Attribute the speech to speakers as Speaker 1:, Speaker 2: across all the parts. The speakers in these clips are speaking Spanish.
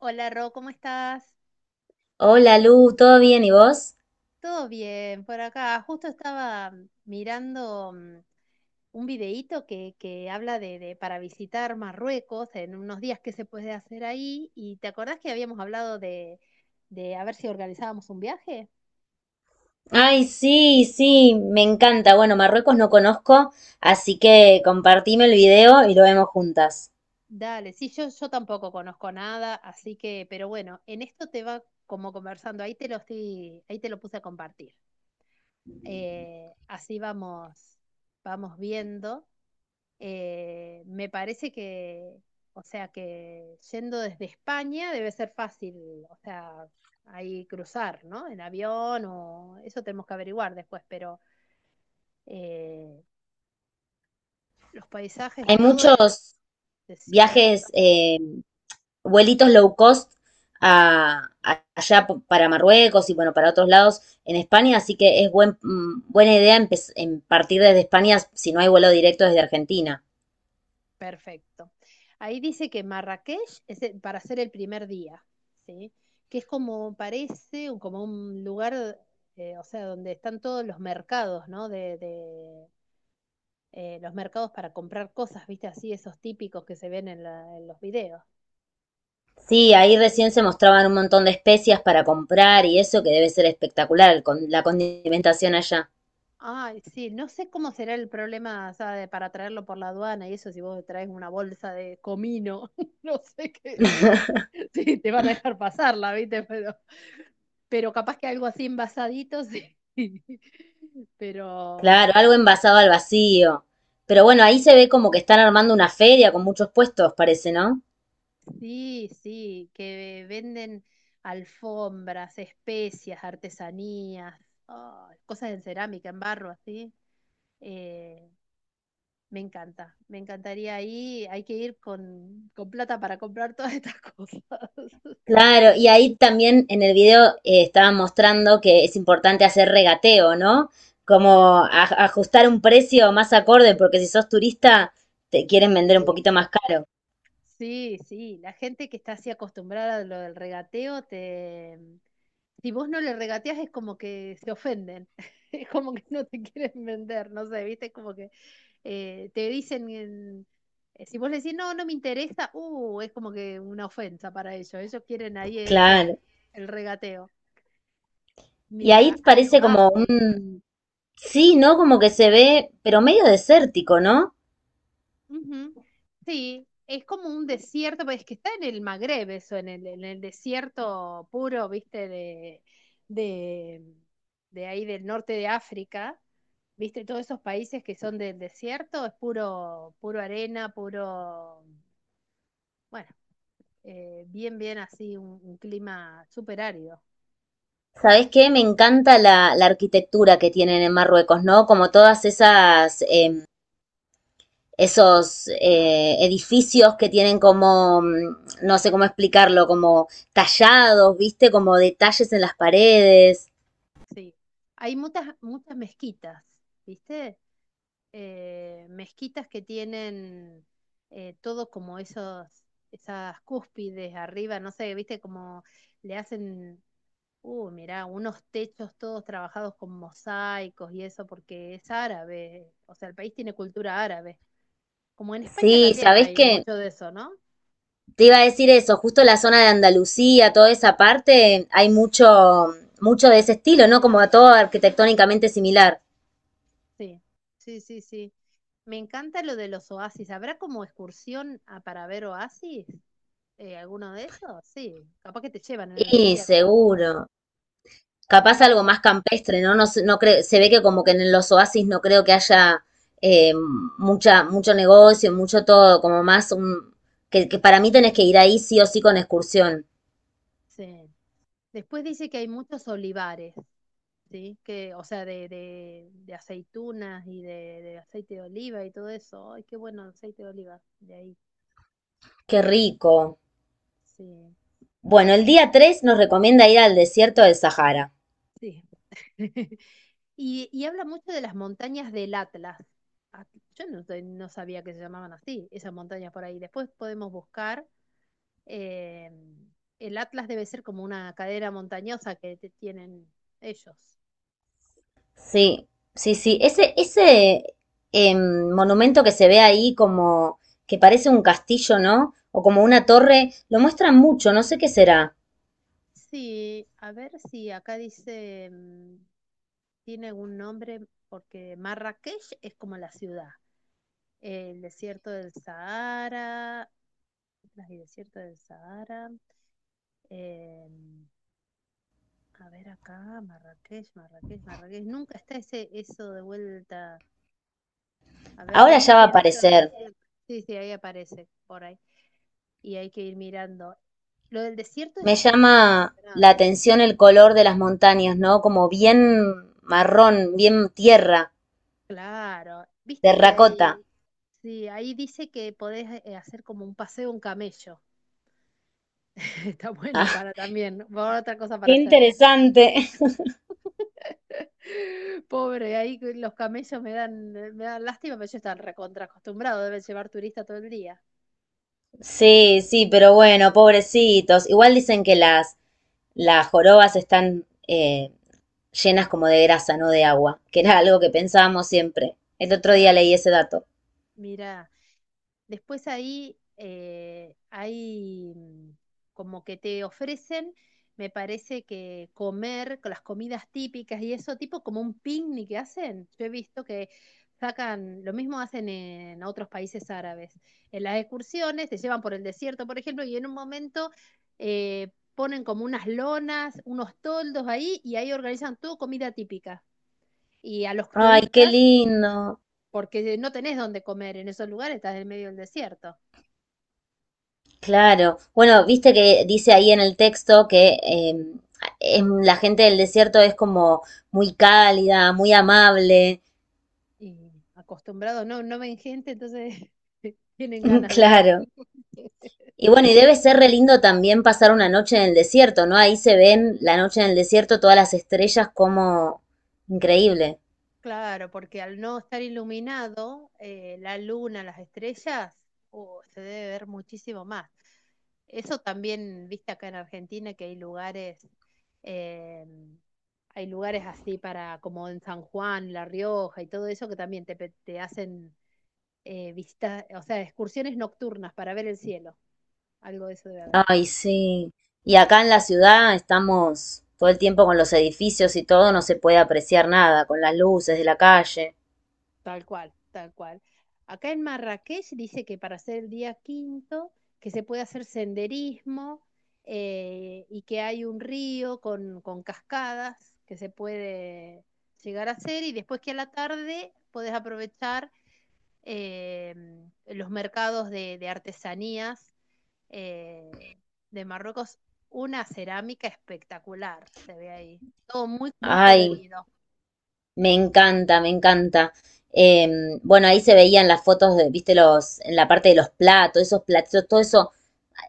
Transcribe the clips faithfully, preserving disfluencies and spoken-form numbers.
Speaker 1: Hola Ro, ¿cómo estás?
Speaker 2: Hola Lu, ¿todo bien y vos?
Speaker 1: Todo bien por acá. Justo estaba mm, mirando mm, un videíto que, que habla de, de para visitar Marruecos en unos días qué se puede hacer ahí. ¿Y te acordás que habíamos hablado de, de a ver si organizábamos un viaje?
Speaker 2: Ay, sí, sí, me encanta. Bueno, Marruecos no conozco, así que compartime el video y lo vemos juntas.
Speaker 1: Dale, sí, yo, yo tampoco conozco nada, así que, pero bueno, en esto te va como conversando, ahí te lo estoy, ahí te lo puse a compartir. Eh, así vamos, vamos viendo. Eh, me parece que, o sea, que yendo desde España debe ser fácil, o sea, ahí cruzar, ¿no? En avión o eso tenemos que averiguar después, pero eh, los paisajes y
Speaker 2: Hay
Speaker 1: todo es
Speaker 2: muchos
Speaker 1: desierto.
Speaker 2: viajes, eh, vuelitos low cost a, a- allá p- para Marruecos y bueno, para otros lados en España, así que es buen, mm, buena idea empe- em, partir desde España si no hay vuelo directo desde Argentina.
Speaker 1: Perfecto. Ahí dice que Marrakech es el- para hacer el primer día, ¿sí? Que es como parece, un- como un lugar, eh, o sea, donde están todos los mercados, ¿no? De, de, eh, los mercados para comprar cosas, ¿viste? Así esos típicos que se ven en, la- en los videos.
Speaker 2: Sí, ahí recién se mostraban un montón de especias para comprar y eso que debe ser espectacular con la condimentación allá.
Speaker 1: Ay, sí, no sé cómo será el problema, o sea, de- para traerlo por la aduana y eso, si vos traes una bolsa de comino, no sé qué, sí, te van a dejar pasarla, ¿viste? Pero, pero capaz que algo así envasadito, sí. Pero mm,
Speaker 2: Claro, algo envasado al vacío. Pero bueno, ahí se ve como que están armando una feria con muchos puestos, parece, ¿no?
Speaker 1: sí, sí, que venden alfombras, especias, artesanías, ay, cosas en cerámica, en barro, así. Eh, Me encanta, me encantaría ir, hay que ir con, con plata para comprar todas estas cosas.
Speaker 2: Claro, y ahí también en el video eh, estaban mostrando que es importante hacer regateo, ¿no? Como a- ajustar un precio más acorde, porque si sos turista te quieren vender un
Speaker 1: Sí,
Speaker 2: poquito más caro.
Speaker 1: sí, sí, la gente que está así acostumbrada a lo del regateo, te... si vos no le regateas es como que se ofenden, es como que no te quieren vender, no sé, viste, es como que eh, te dicen, en- eh, si vos le decís, no, no me interesa, uh, es como que una ofensa para ellos, ellos quieren ahí eso,
Speaker 2: Claro.
Speaker 1: el regateo.
Speaker 2: Y
Speaker 1: Mira,
Speaker 2: ahí
Speaker 1: hay
Speaker 2: parece como
Speaker 1: oasis.
Speaker 2: un... Sí, ¿no? Como que se ve, pero medio desértico, ¿no?
Speaker 1: Ujú. Sí, es como un desierto, pues, es que está en el Magreb eso, en el, en el desierto puro, viste, de, de, de ahí del norte de África, viste, todos esos países que son del desierto, es puro, puro arena, puro, bueno, eh, bien, bien así, un, un clima súper árido,
Speaker 2: ¿Sabés qué? Me encanta la, la arquitectura que tienen en Marruecos, ¿no? Como todas esas, eh, esos eh, edificios que tienen como, mm, no sé cómo explicarlo, como tallados, viste, como detalles en las paredes.
Speaker 1: sí. Hay muchas, muchas mezquitas, viste, eh, mezquitas que tienen eh, todo como esos, esas cúspides arriba, no sé, viste, como le hacen, uh, mirá, unos techos todos trabajados con mosaicos y eso, porque es árabe, o sea, el país tiene cultura árabe. Como en España
Speaker 2: Sí,
Speaker 1: también
Speaker 2: ¿sabés
Speaker 1: hay
Speaker 2: qué?
Speaker 1: mucho de eso, ¿no?
Speaker 2: Te iba a decir eso, justo la zona de Andalucía, toda esa parte, hay mucho, mucho de ese estilo, ¿no? Como a todo arquitectónicamente similar.
Speaker 1: Sí, sí, sí, sí. Me encanta lo de los oasis. ¿Habrá como excursión a, para ver oasis? Eh, ¿alguno de esos? Sí, capaz que te llevan en el
Speaker 2: Y
Speaker 1: desierto.
Speaker 2: seguro. Capaz algo más campestre, ¿no? No, no creo, se ve que como que en los oasis no creo que haya eh, mucha, mucho negocio, mucho todo, como más un, que, que para mí tenés que ir ahí sí o sí con excursión.
Speaker 1: Sí. Después dice que hay muchos olivares, ¿sí? Que, o sea, de, de, de aceitunas y de, de aceite de oliva y todo eso. Ay, qué bueno el aceite de oliva, de ahí.
Speaker 2: Qué rico.
Speaker 1: Sí,
Speaker 2: Bueno, el día tres nos recomienda ir al desierto del Sahara.
Speaker 1: sí. Y, y habla mucho de las montañas del Atlas. Ah, yo no, te- no sabía que se llamaban así, esas montañas por ahí. Después podemos buscar. eh, el Atlas debe ser como una cadera montañosa que te- tienen ellos.
Speaker 2: Sí, sí, sí. Ese, ese em, monumento que se ve ahí como que parece un castillo, ¿no? O como una torre, lo muestran mucho, no sé qué será.
Speaker 1: Sí, a ver si acá dice, mm, tiene algún nombre, porque Marrakech es como la ciudad, el desierto del Sahara, las y desierto del Sahara. eh, a ver acá, Marrakech, Marrakech, Marrakech. Nunca está ese eso de vuelta. A ver,
Speaker 2: Ahora
Speaker 1: veamos
Speaker 2: ya va
Speaker 1: si
Speaker 2: a
Speaker 1: en esto del
Speaker 2: aparecer.
Speaker 1: desierto. Sí, sí, ahí aparece por ahí. Y hay que ir mirando. Lo del desierto
Speaker 2: Me
Speaker 1: es
Speaker 2: llama la
Speaker 1: impresionante.
Speaker 2: atención el color de las montañas, ¿no? Como bien marrón, bien tierra,
Speaker 1: Claro, viste que Ujú.
Speaker 2: terracota.
Speaker 1: Hay, sí, ahí dice que podés eh, hacer como un paseo, en camello. Está bueno
Speaker 2: Ah,
Speaker 1: para también, por otra cosa
Speaker 2: qué
Speaker 1: para hacer.
Speaker 2: interesante.
Speaker 1: Pobre, ahí que los camellos me dan, me dan lástima, pero yo están recontra acostumbrado, deben llevar turista todo el día.
Speaker 2: Sí, sí, pero bueno, pobrecitos. Igual dicen que las, las jorobas están eh, llenas como de grasa, no de agua, que era algo que pensábamos siempre. El otro día
Speaker 1: Ah,
Speaker 2: leí ese dato.
Speaker 1: mirá. Después ahí eh, hay mm, como que te ofrecen, me parece que comer con las comidas típicas y eso, tipo como un picnic que hacen. Yo he visto que sacan, lo mismo hacen en otros países árabes. En las excursiones te llevan por el desierto, por ejemplo, y en un momento eh, ponen como unas lonas, unos toldos ahí y ahí organizan todo comida típica. Y a los
Speaker 2: Ay, qué
Speaker 1: turistas,
Speaker 2: lindo.
Speaker 1: porque no tenés dónde comer en esos lugares, estás en medio del desierto.
Speaker 2: Claro. Bueno, viste que dice ahí en el texto que eh, em, la gente del desierto es como muy cálida, muy amable.
Speaker 1: Y acostumbrados, no, no ven gente, entonces tienen ganas de ver.
Speaker 2: Claro. Y bueno, y debe ser re lindo también pasar una noche en el desierto, ¿no? Ahí se ven la noche en el desierto, todas las estrellas como increíble.
Speaker 1: Claro, porque al no estar iluminado, eh, la luna, las estrellas, oh, se debe ver muchísimo más. Eso también, viste acá en Argentina, que hay lugares, eh, hay lugares así para, como en San Juan, La Rioja y todo eso, que también te, pe- te hacen eh, visitas, o sea, excursiones nocturnas para ver el cielo. Algo de eso debe haber.
Speaker 2: Ay, sí. Y acá en la ciudad estamos todo el tiempo con los edificios y todo, no se puede apreciar nada, con las luces de la calle.
Speaker 1: Tal cual, tal cual. Acá en Marrakech dice que para hacer el día quinto, que se puede hacer senderismo eh, y que hay un río con, con cascadas que se puede llegar a hacer y después que a la tarde podés aprovechar eh, los mercados de, de artesanías eh, de Marruecos. Una cerámica espectacular, se ve ahí. Todo muy, muy
Speaker 2: Ay,
Speaker 1: colorido.
Speaker 2: me encanta, me encanta. Eh, bueno, ahí se veían las fotos de, viste, los, en la parte de los platos, esos platos, todo eso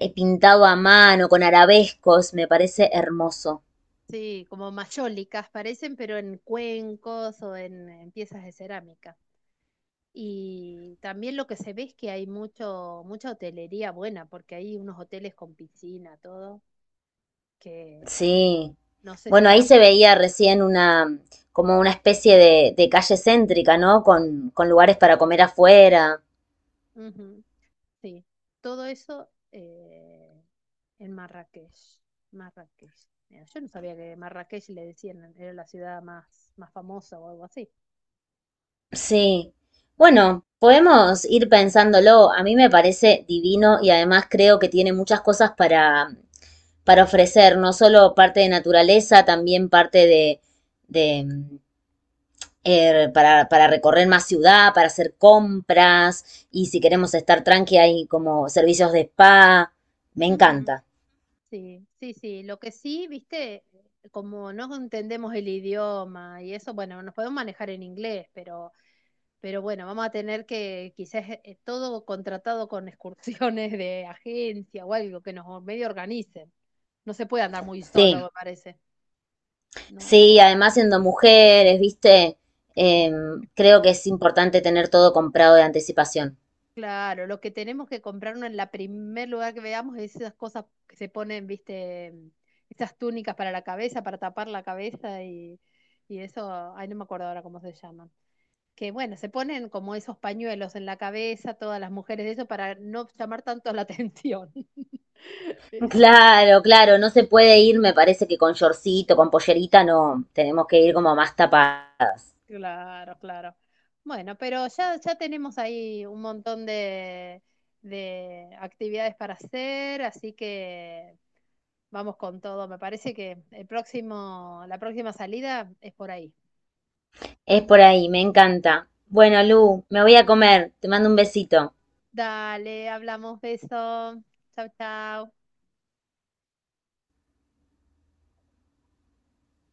Speaker 2: eh, pintado a mano, con arabescos, me parece hermoso.
Speaker 1: Sí, como mayólicas parecen, pero en cuencos o en, en piezas de cerámica. Y también lo que se ve es que hay mucho, mucha hotelería buena, porque hay unos hoteles con piscina, todo, que
Speaker 2: Sí.
Speaker 1: no sé si
Speaker 2: Bueno, ahí
Speaker 1: estará
Speaker 2: se
Speaker 1: muy
Speaker 2: veía
Speaker 1: costoso.
Speaker 2: recién una, como una especie de, de calle céntrica, ¿no? Con, con lugares para comer afuera.
Speaker 1: Ujú, sí, todo eso eh, en Marrakech. Marrakech. Mira, yo no sabía que Marrakech le decían, era la ciudad más, más famosa o algo así.
Speaker 2: Sí. Bueno, podemos ir pensándolo. A mí me parece divino y además creo que tiene muchas cosas para, para ofrecer no solo parte de naturaleza, también parte de, de eh, para, para recorrer más ciudad, para hacer compras y si queremos estar tranqui hay como servicios de spa. Me encanta.
Speaker 1: Sí, sí, sí. Lo que sí, viste, como no entendemos el idioma y eso, bueno, nos podemos manejar en inglés, pero, pero bueno, vamos a tener que quizás eh, eh, todo contratado con excursiones de agencia o algo que nos medio organicen. No se puede andar muy solo,
Speaker 2: Sí,
Speaker 1: me parece, ¿no?
Speaker 2: sí, además siendo mujeres, viste, Eh, creo que es importante tener todo comprado de anticipación.
Speaker 1: Claro, lo que tenemos que comprarnos en la primer lugar que veamos es esas cosas que se ponen, viste, esas túnicas para la cabeza, para tapar la cabeza y, y eso, ay, no me acuerdo ahora cómo se llaman. Que bueno, se ponen como esos pañuelos en la cabeza, todas las mujeres, eso para no llamar tanto la atención. Eso.
Speaker 2: Claro, claro, no se puede ir, me parece que con shortcito, con pollerita, no, tenemos que ir como más tapadas.
Speaker 1: Claro, claro. Bueno, pero ya, ya tenemos ahí un montón de, de actividades para hacer, así que vamos con todo. Me parece que el próximo, la próxima salida es por ahí.
Speaker 2: Es por ahí. Me encanta. Bueno, Lu, me voy a comer. Te mando un besito.
Speaker 1: Dale, hablamos, beso. Chau, chau.